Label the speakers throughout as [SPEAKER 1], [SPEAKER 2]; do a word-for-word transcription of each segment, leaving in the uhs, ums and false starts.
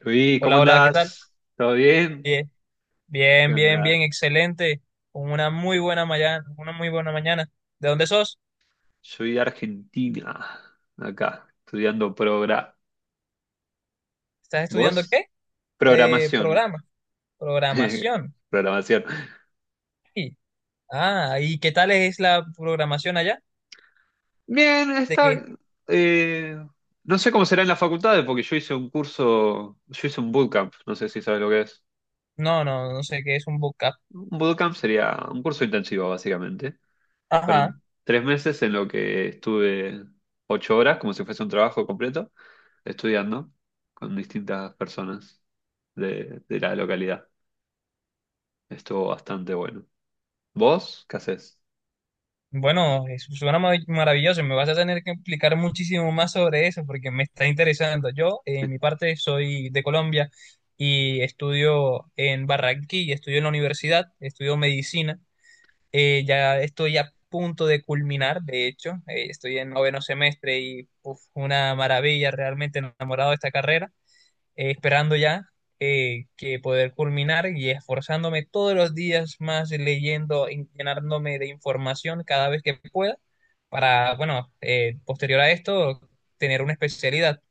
[SPEAKER 1] Luis, ¿cómo
[SPEAKER 2] Hola, hola, ¿qué tal?
[SPEAKER 1] andás? ¿Todo bien?
[SPEAKER 2] Bien, bien,
[SPEAKER 1] ¿Qué
[SPEAKER 2] bien, bien,
[SPEAKER 1] onda?
[SPEAKER 2] excelente. Con una muy buena mañana, una muy buena mañana. ¿De dónde sos?
[SPEAKER 1] Soy de Argentina, acá, estudiando progra...
[SPEAKER 2] ¿Estás estudiando
[SPEAKER 1] ¿Vos?
[SPEAKER 2] qué? Eh,
[SPEAKER 1] Programación.
[SPEAKER 2] programa, programación.
[SPEAKER 1] Programación.
[SPEAKER 2] Sí. Ah, ¿y qué tal es la programación allá?
[SPEAKER 1] Bien,
[SPEAKER 2] ¿De
[SPEAKER 1] está...
[SPEAKER 2] qué?
[SPEAKER 1] eh, no sé cómo será en las facultades, porque yo hice un curso, yo hice un bootcamp, no sé si sabes lo que es.
[SPEAKER 2] No, no, no sé qué es un vocab.
[SPEAKER 1] Un bootcamp sería un curso intensivo, básicamente.
[SPEAKER 2] Ajá.
[SPEAKER 1] Fueron tres meses en lo que estuve ocho horas, como si fuese un trabajo completo, estudiando con distintas personas de, de la localidad. Estuvo bastante bueno. ¿Vos qué haces?
[SPEAKER 2] Bueno, eso suena ma- maravilloso. Me vas a tener que explicar muchísimo más sobre eso porque me está interesando. Yo, eh, en mi parte, soy de Colombia y estudio en Barranquilla, estudio en la universidad, estudio medicina. Eh, ya estoy a punto de culminar, de hecho, eh, estoy en noveno semestre y uf, una maravilla, realmente enamorado de esta carrera, eh, esperando ya eh, que poder culminar y esforzándome todos los días más leyendo, y llenándome de información cada vez que pueda para, bueno, eh, posterior a esto, tener una especialidad.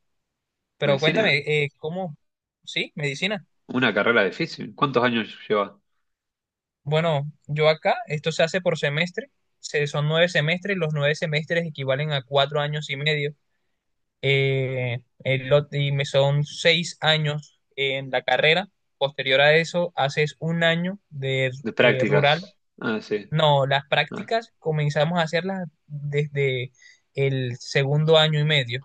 [SPEAKER 2] Pero cuéntame,
[SPEAKER 1] ¿Medicina?
[SPEAKER 2] eh, ¿cómo? ¿Sí? ¿Medicina?
[SPEAKER 1] Una carrera difícil. ¿Cuántos años llevas
[SPEAKER 2] Bueno, yo acá, esto se hace por semestre, se, son nueve semestres, los nueve semestres equivalen a cuatro años y medio, eh, el, ot- y me son seis años en la carrera, posterior a eso haces un año de
[SPEAKER 1] de
[SPEAKER 2] eh, rural,
[SPEAKER 1] prácticas? Ah, sí.
[SPEAKER 2] no, las
[SPEAKER 1] Ah,
[SPEAKER 2] prácticas comenzamos a hacerlas desde el segundo año y medio,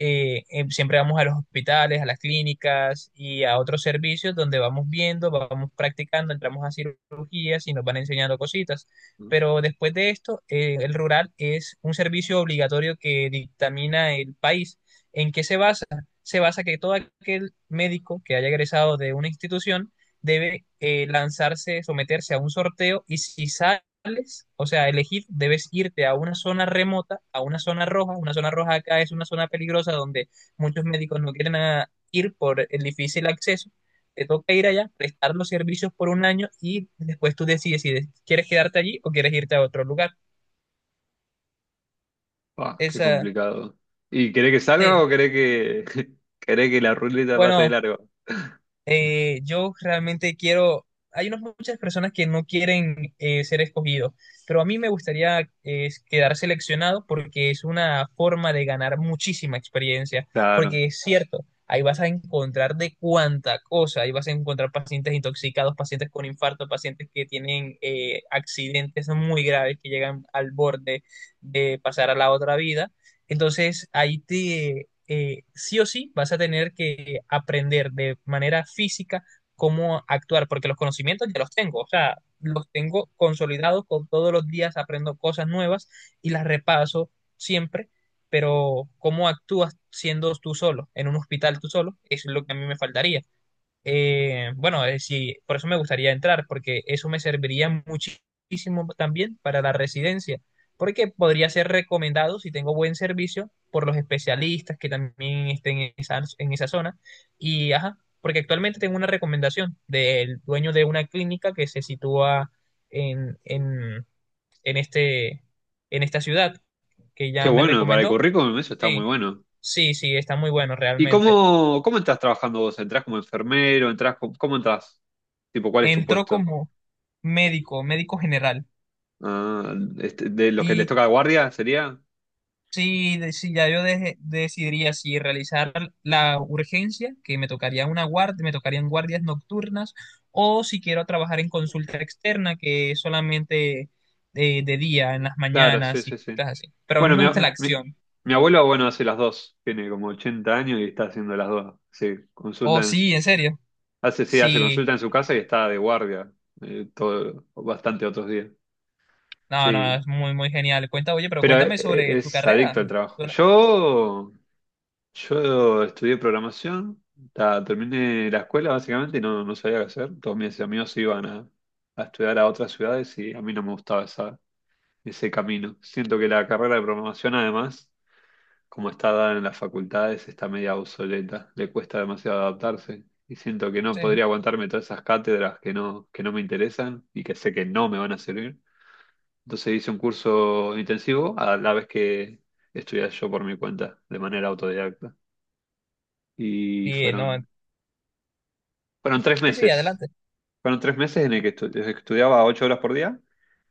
[SPEAKER 2] eh, eh, siempre vamos a los hospitales, a las clínicas y a otros servicios donde vamos viendo, vamos practicando, entramos a cirugías y nos van enseñando cositas. Pero después de esto, eh, el rural es un servicio obligatorio que dictamina el país. ¿En qué se basa? Se basa que todo aquel médico que haya egresado de una institución debe eh, lanzarse, someterse a un sorteo y si sale opcionales, o sea, elegir, debes irte a una zona remota, a una zona roja. Una zona roja acá es una zona peligrosa donde muchos médicos no quieren ah, ir por el difícil acceso. Te toca ir allá, prestar los servicios por un año y después tú decides si des- quieres quedarte allí o quieres irte a otro lugar.
[SPEAKER 1] ah, qué
[SPEAKER 2] Esa,
[SPEAKER 1] complicado. ¿Y querés que salga
[SPEAKER 2] sí.
[SPEAKER 1] o querés que, querés que la ruleta pase de
[SPEAKER 2] Bueno,
[SPEAKER 1] largo?
[SPEAKER 2] eh, yo realmente quiero, hay unas muchas personas que no quieren eh, ser escogidos, pero a mí me gustaría eh, quedar seleccionado porque es una forma de ganar muchísima experiencia,
[SPEAKER 1] Claro.
[SPEAKER 2] porque es cierto, ahí vas a encontrar de cuánta cosa, ahí vas a encontrar pacientes intoxicados, pacientes con infarto, pacientes que tienen eh, accidentes muy graves que llegan al borde de pasar a la otra vida entonces, ahí te, eh, sí o sí vas a tener que aprender de manera física cómo actuar, porque los conocimientos ya los tengo, o sea, los tengo consolidados, con todos los días aprendo cosas nuevas y las repaso siempre, pero cómo actúas siendo tú solo, en un hospital tú solo, eso es lo que a mí me faltaría. Eh, bueno, eh, sí, por eso me gustaría entrar, porque eso me serviría muchísimo también para la residencia, porque podría ser recomendado si tengo buen servicio por los especialistas que también estén en esa, en esa zona. Y, ajá, porque actualmente tengo una recomendación del dueño de una clínica que se sitúa en, en, en este, en esta ciudad, que
[SPEAKER 1] Qué
[SPEAKER 2] ya me
[SPEAKER 1] bueno, para el
[SPEAKER 2] recomendó.
[SPEAKER 1] currículum eso está muy
[SPEAKER 2] Sí,
[SPEAKER 1] bueno.
[SPEAKER 2] sí, sí, está muy bueno
[SPEAKER 1] ¿Y
[SPEAKER 2] realmente.
[SPEAKER 1] cómo, cómo estás trabajando vos? ¿Entrás como enfermero? ¿Entrás, co- cómo entrás? Tipo, ¿cuál es tu
[SPEAKER 2] Entró
[SPEAKER 1] puesto?
[SPEAKER 2] como médico, médico general.
[SPEAKER 1] Ah, este, de los que les
[SPEAKER 2] Y
[SPEAKER 1] toca guardia sería.
[SPEAKER 2] sí, de- sí, ya yo deje- decidiría si realizar la urgencia, que me tocaría una guardia, me tocarían guardias nocturnas, o si quiero trabajar en consulta externa, que es solamente de, de día, en las
[SPEAKER 1] Claro, sí,
[SPEAKER 2] mañanas y
[SPEAKER 1] sí, sí.
[SPEAKER 2] cosas así. Pero a
[SPEAKER 1] Bueno,
[SPEAKER 2] mí me
[SPEAKER 1] mi, a-
[SPEAKER 2] gusta la
[SPEAKER 1] mi,
[SPEAKER 2] acción.
[SPEAKER 1] mi abuelo, bueno, hace las dos. Tiene como ochenta años y está haciendo las dos. Sí, consulta
[SPEAKER 2] Oh,
[SPEAKER 1] en-
[SPEAKER 2] sí, en serio.
[SPEAKER 1] hace, sí, hace
[SPEAKER 2] Sí,
[SPEAKER 1] consulta en su casa y está de guardia eh, todo, bastante otros días.
[SPEAKER 2] no, no,
[SPEAKER 1] Sí,
[SPEAKER 2] es muy, muy genial. Cuenta, oye, pero
[SPEAKER 1] pero e-
[SPEAKER 2] cuéntame
[SPEAKER 1] e-
[SPEAKER 2] sobre tu
[SPEAKER 1] es,
[SPEAKER 2] carrera.
[SPEAKER 1] adicto al trabajo.
[SPEAKER 2] Suena-
[SPEAKER 1] Yo, yo estudié programación, ta- terminé la escuela básicamente y no, no sabía qué hacer. Todos mis amigos iban a, a estudiar a otras ciudades y a mí no me gustaba esa, ese camino. Siento que la carrera de programación, además, como está dada en las facultades, está media obsoleta, le cuesta demasiado adaptarse. Y siento que no
[SPEAKER 2] Sí,
[SPEAKER 1] podría aguantarme todas esas cátedras que no, que no me interesan y que sé que no me van a servir. Entonces hice un curso intensivo a la vez que estudié yo por mi cuenta, de manera autodidacta. Y
[SPEAKER 2] sí, no,
[SPEAKER 1] fueron, fueron tres
[SPEAKER 2] sí, sí,
[SPEAKER 1] meses
[SPEAKER 2] adelante.
[SPEAKER 1] Fueron tres meses en el que estu- estudiaba ocho horas por día,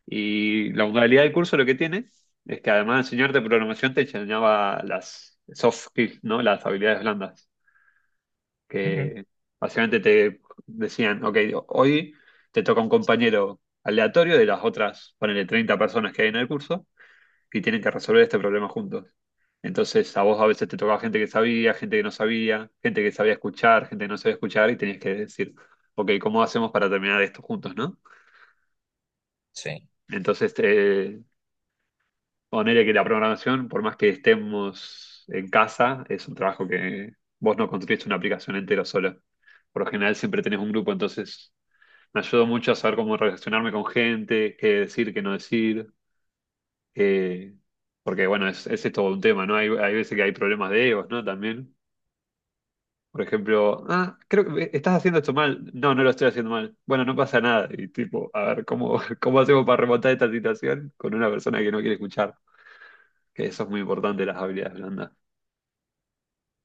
[SPEAKER 1] y la modalidad del curso lo que tiene es que, además de enseñarte programación, te enseñaba las soft skills, ¿no? Las habilidades blandas,
[SPEAKER 2] Ujú.
[SPEAKER 1] que básicamente te decían, ok, hoy te toca un compañero aleatorio de las otras, ponele, treinta personas que hay en el curso, y tienen que resolver este problema juntos. Entonces a vos a veces te tocaba gente que sabía, gente que no sabía, gente que sabía escuchar, gente que no sabía escuchar, y tenías que decir, ok, ¿cómo hacemos para terminar esto juntos, ¿no?
[SPEAKER 2] Sí.
[SPEAKER 1] Entonces, eh, ponele que la programación, por más que estemos en casa, es un trabajo que vos no construís una aplicación entera solo. Por lo general siempre tenés un grupo, entonces me ayudó mucho a saber cómo relacionarme con gente, qué decir, qué no decir. eh, Porque bueno, es, ese es todo un tema, ¿no? Hay, hay veces que hay problemas de egos, ¿no? También. Por ejemplo, ah, creo que estás haciendo esto mal. No, no lo estoy haciendo mal. Bueno, no pasa nada. Y tipo, a ver, ¿cómo, cómo hacemos para remontar esta situación con una persona que no quiere escuchar? Que eso es muy importante, las habilidades blandas.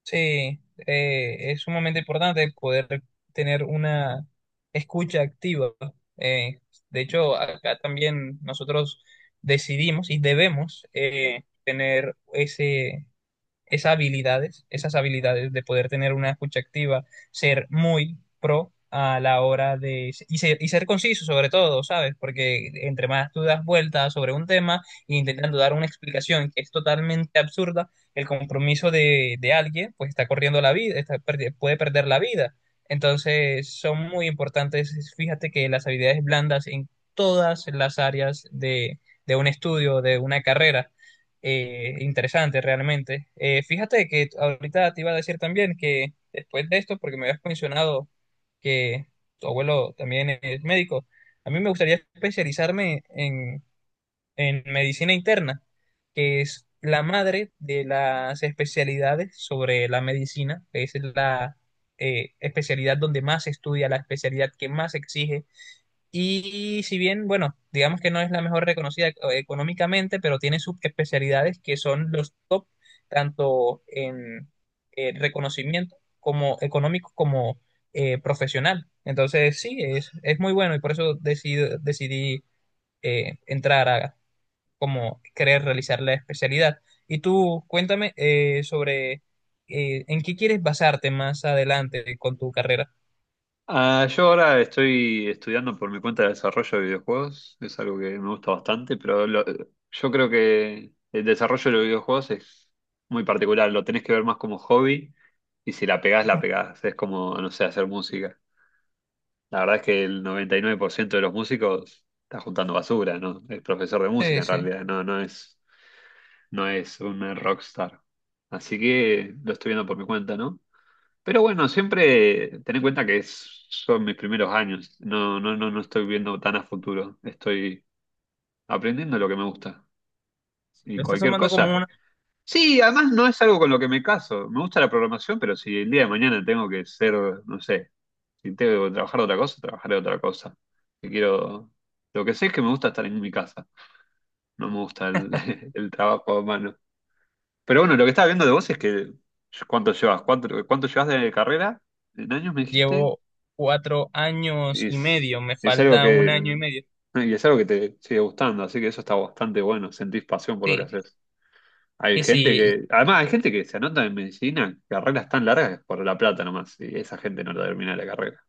[SPEAKER 2] Sí, eh, es sumamente importante poder tener una escucha activa. Eh, de hecho, acá también nosotros decidimos y debemos eh, tener ese esas habilidades, esas habilidades de poder tener una escucha activa, ser muy pro a la hora de... Y ser, y ser conciso sobre todo, ¿sabes? Porque entre más tú das vueltas sobre un tema e intentando dar una explicación que es totalmente absurda, el compromiso de, de alguien pues está corriendo la vida, está perdi- puede perder la vida. Entonces son muy importantes, fíjate que las habilidades blandas en todas las áreas de, de un estudio, de una carrera eh, interesante realmente. Eh, fíjate que ahorita te iba a decir también que después de esto, porque me habías mencionado que tu abuelo también es médico, a mí me gustaría especializarme en, en medicina interna, que es la madre de las especialidades sobre la medicina, que es la eh, especialidad donde más se estudia, la especialidad que más se exige y si bien, bueno, digamos que no es la mejor reconocida eh, económicamente, pero tiene subespecialidades que son los top, tanto en eh, reconocimiento como económico como eh, profesional. Entonces, sí, es, es muy bueno y por eso decido- decidí eh, entrar a como querer realizar la especialidad. Y tú, cuéntame eh, sobre eh, en qué quieres basarte más adelante con tu carrera.
[SPEAKER 1] Ah, yo ahora estoy estudiando por mi cuenta de desarrollo de videojuegos, es algo que me gusta bastante, pero lo- yo creo que el desarrollo de los videojuegos es muy particular, lo tenés que ver más como hobby, y si la pegás, la
[SPEAKER 2] Ujú.
[SPEAKER 1] pegás, es como, no sé, hacer música. La verdad es que el noventa y nueve por ciento de los músicos está juntando basura, ¿no? Es profesor de música
[SPEAKER 2] Sí,
[SPEAKER 1] en
[SPEAKER 2] sí.
[SPEAKER 1] realidad, no, no es, no es un rockstar. Así que lo estoy viendo por mi cuenta, ¿no? Pero bueno, siempre ten en cuenta que es- son mis primeros años. No, no, no, no estoy viendo tan a futuro. Estoy aprendiendo lo que me gusta. Y
[SPEAKER 2] Lo estás
[SPEAKER 1] cualquier
[SPEAKER 2] tomando
[SPEAKER 1] cosa.
[SPEAKER 2] como
[SPEAKER 1] Sí, además no es algo con lo que me caso. Me gusta la programación, pero si el día de mañana tengo que ser, no sé, si tengo que trabajar de otra cosa, trabajaré de otra cosa. Si quiero. Lo que sé es que me gusta estar en mi casa. No me gusta el, el trabajo a mano. Pero bueno, lo que estaba viendo de vos es que. ¿Cuánto llevas? ¿Cuánto, cuánto llevas de carrera? ¿En años me dijiste?
[SPEAKER 2] Llevo cuatro años
[SPEAKER 1] Y
[SPEAKER 2] y
[SPEAKER 1] es,
[SPEAKER 2] medio, me
[SPEAKER 1] es algo
[SPEAKER 2] falta un año y
[SPEAKER 1] que,
[SPEAKER 2] medio.
[SPEAKER 1] y es algo que te sigue gustando, así que eso está bastante bueno, sentís pasión por lo que
[SPEAKER 2] Sí,
[SPEAKER 1] haces. Hay
[SPEAKER 2] y
[SPEAKER 1] gente
[SPEAKER 2] sí,
[SPEAKER 1] que, además hay gente que se anota en medicina, carreras tan largas por la plata nomás, y esa gente no termina la carrera.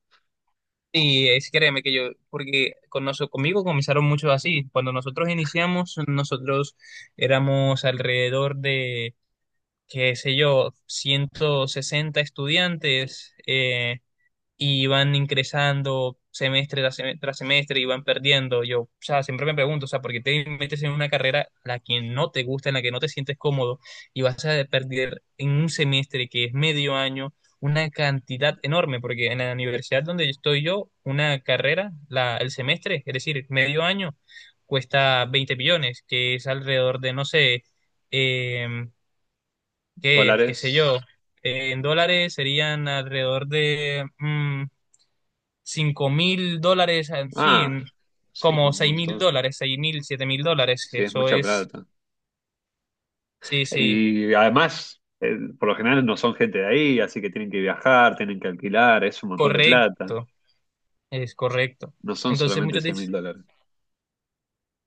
[SPEAKER 2] y es créeme que yo, porque con noso- conmigo comenzaron muchos así. Cuando nosotros iniciamos, nosotros éramos alrededor de, qué sé yo, ciento sesenta estudiantes. Eh, y van ingresando semestre tras semestre, tras semestre y van perdiendo. Yo, o sea, siempre me pregunto, o sea, ¿por qué te metes en una carrera a la que no te gusta, en la que no te sientes cómodo y vas a perder en un semestre que es medio año una cantidad enorme? Porque en la universidad donde estoy yo, una carrera, la, el semestre, es decir, medio año, cuesta veinte millones, que es alrededor de, no sé, em, qué, qué sé yo.
[SPEAKER 1] Dólares,
[SPEAKER 2] eh, En dólares serían alrededor de mm, cinco mil dólares, eh, sí,
[SPEAKER 1] ah, sí,
[SPEAKER 2] como
[SPEAKER 1] un
[SPEAKER 2] seis mil
[SPEAKER 1] montón,
[SPEAKER 2] dólares, seis mil, siete mil dólares,
[SPEAKER 1] sí, es
[SPEAKER 2] eso
[SPEAKER 1] mucha
[SPEAKER 2] es,
[SPEAKER 1] plata.
[SPEAKER 2] sí, sí,
[SPEAKER 1] Y además, eh, por lo general no son gente de ahí, así que tienen que viajar, tienen que alquilar, es un montón de plata,
[SPEAKER 2] correcto, es correcto.
[SPEAKER 1] no son
[SPEAKER 2] Entonces
[SPEAKER 1] solamente
[SPEAKER 2] muchos
[SPEAKER 1] seis mil
[SPEAKER 2] dicen,
[SPEAKER 1] dólares.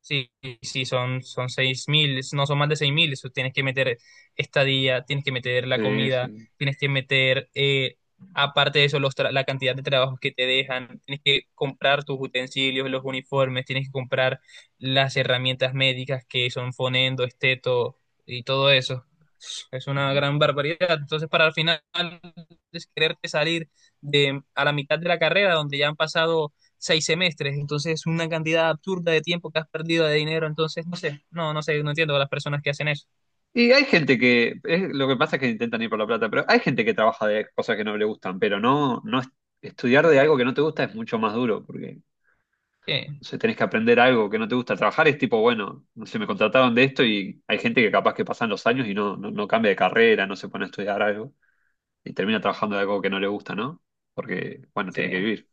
[SPEAKER 2] sí, sí, son, son seis mil, no son más de seis mil, eso tienes que meter estadía, tienes que meter la
[SPEAKER 1] Sí,
[SPEAKER 2] comida,
[SPEAKER 1] sí.
[SPEAKER 2] tienes que meter, eh, aparte de eso, los tra- la cantidad de trabajos que te dejan, tienes que comprar tus utensilios, los uniformes, tienes que comprar las herramientas médicas que son fonendo, esteto y todo eso. Es una gran barbaridad. Entonces, para al final es quererte salir de, a la mitad de la carrera, donde ya han pasado seis semestres, entonces es una cantidad absurda de tiempo que has perdido de dinero, entonces no sé, no, no sé, no entiendo a las personas que hacen eso.
[SPEAKER 1] Y hay gente que, es- lo que pasa es que intentan ir por la plata, pero hay gente que trabaja de cosas que no le gustan, pero no, no es- estudiar de algo que no te gusta es mucho más duro, porque
[SPEAKER 2] Sí,
[SPEAKER 1] no sé, tenés que aprender algo que no te gusta. Trabajar es tipo, bueno, no sé, me contrataron de esto, y hay gente que capaz que pasan los años y no, no, no cambia de carrera, no se pone a estudiar algo y termina trabajando de algo que no le gusta, ¿no? Porque, bueno, tiene que
[SPEAKER 2] sí,
[SPEAKER 1] vivir,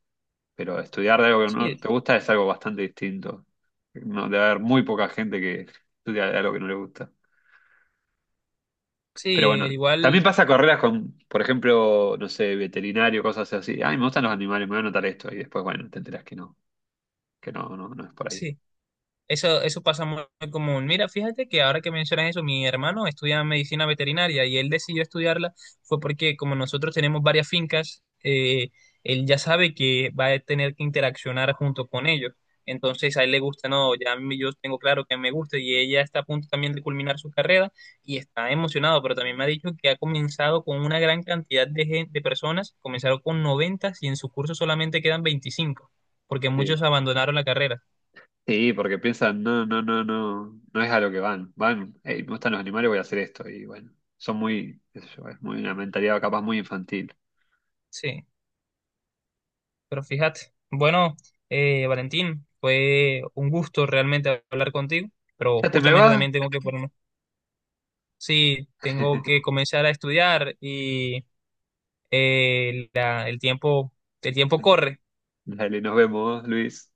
[SPEAKER 1] pero estudiar de algo que
[SPEAKER 2] sí,
[SPEAKER 1] no te gusta es algo bastante distinto. No, debe haber muy poca gente que estudia de algo que no le gusta. Pero
[SPEAKER 2] sí, al
[SPEAKER 1] bueno, también
[SPEAKER 2] igual,
[SPEAKER 1] pasa carreras con, por ejemplo, no sé, veterinario, cosas así. Ay, me gustan los animales, me voy a anotar esto. Y después, bueno, te enteras que no, que no, no, no es por ahí.
[SPEAKER 2] sí, Eso, eso pasa muy común. Mira, fíjate que ahora que mencionas eso, mi hermano estudia medicina veterinaria y él decidió estudiarla fue porque como nosotros tenemos varias fincas, eh, él ya sabe que va a tener que interaccionar junto con ellos. Entonces a él le gusta, no, ya a mí- yo tengo claro que me gusta y ella está a punto también de culminar su carrera y está emocionado, pero también me ha dicho que ha comenzado con una gran cantidad de, gen- de personas, comenzaron con noventa y en su curso solamente quedan veinticinco porque muchos
[SPEAKER 1] Sí.
[SPEAKER 2] abandonaron la carrera.
[SPEAKER 1] Sí, porque piensan, no, no, no, no, no es a lo que van. Van, hey, me gustan los animales, voy a hacer esto. Y bueno, son muy, qué sé yo, es muy una mentalidad capaz muy infantil.
[SPEAKER 2] Sí. Pero fíjate, bueno, eh, Valentín, fue un gusto realmente hablar contigo, pero
[SPEAKER 1] Ya te me
[SPEAKER 2] justamente
[SPEAKER 1] va.
[SPEAKER 2] también tengo que ponerme, sí, tengo que comenzar a estudiar y eh, la- el tiempo, el tiempo corre.
[SPEAKER 1] Dale, nos vemos, Luis.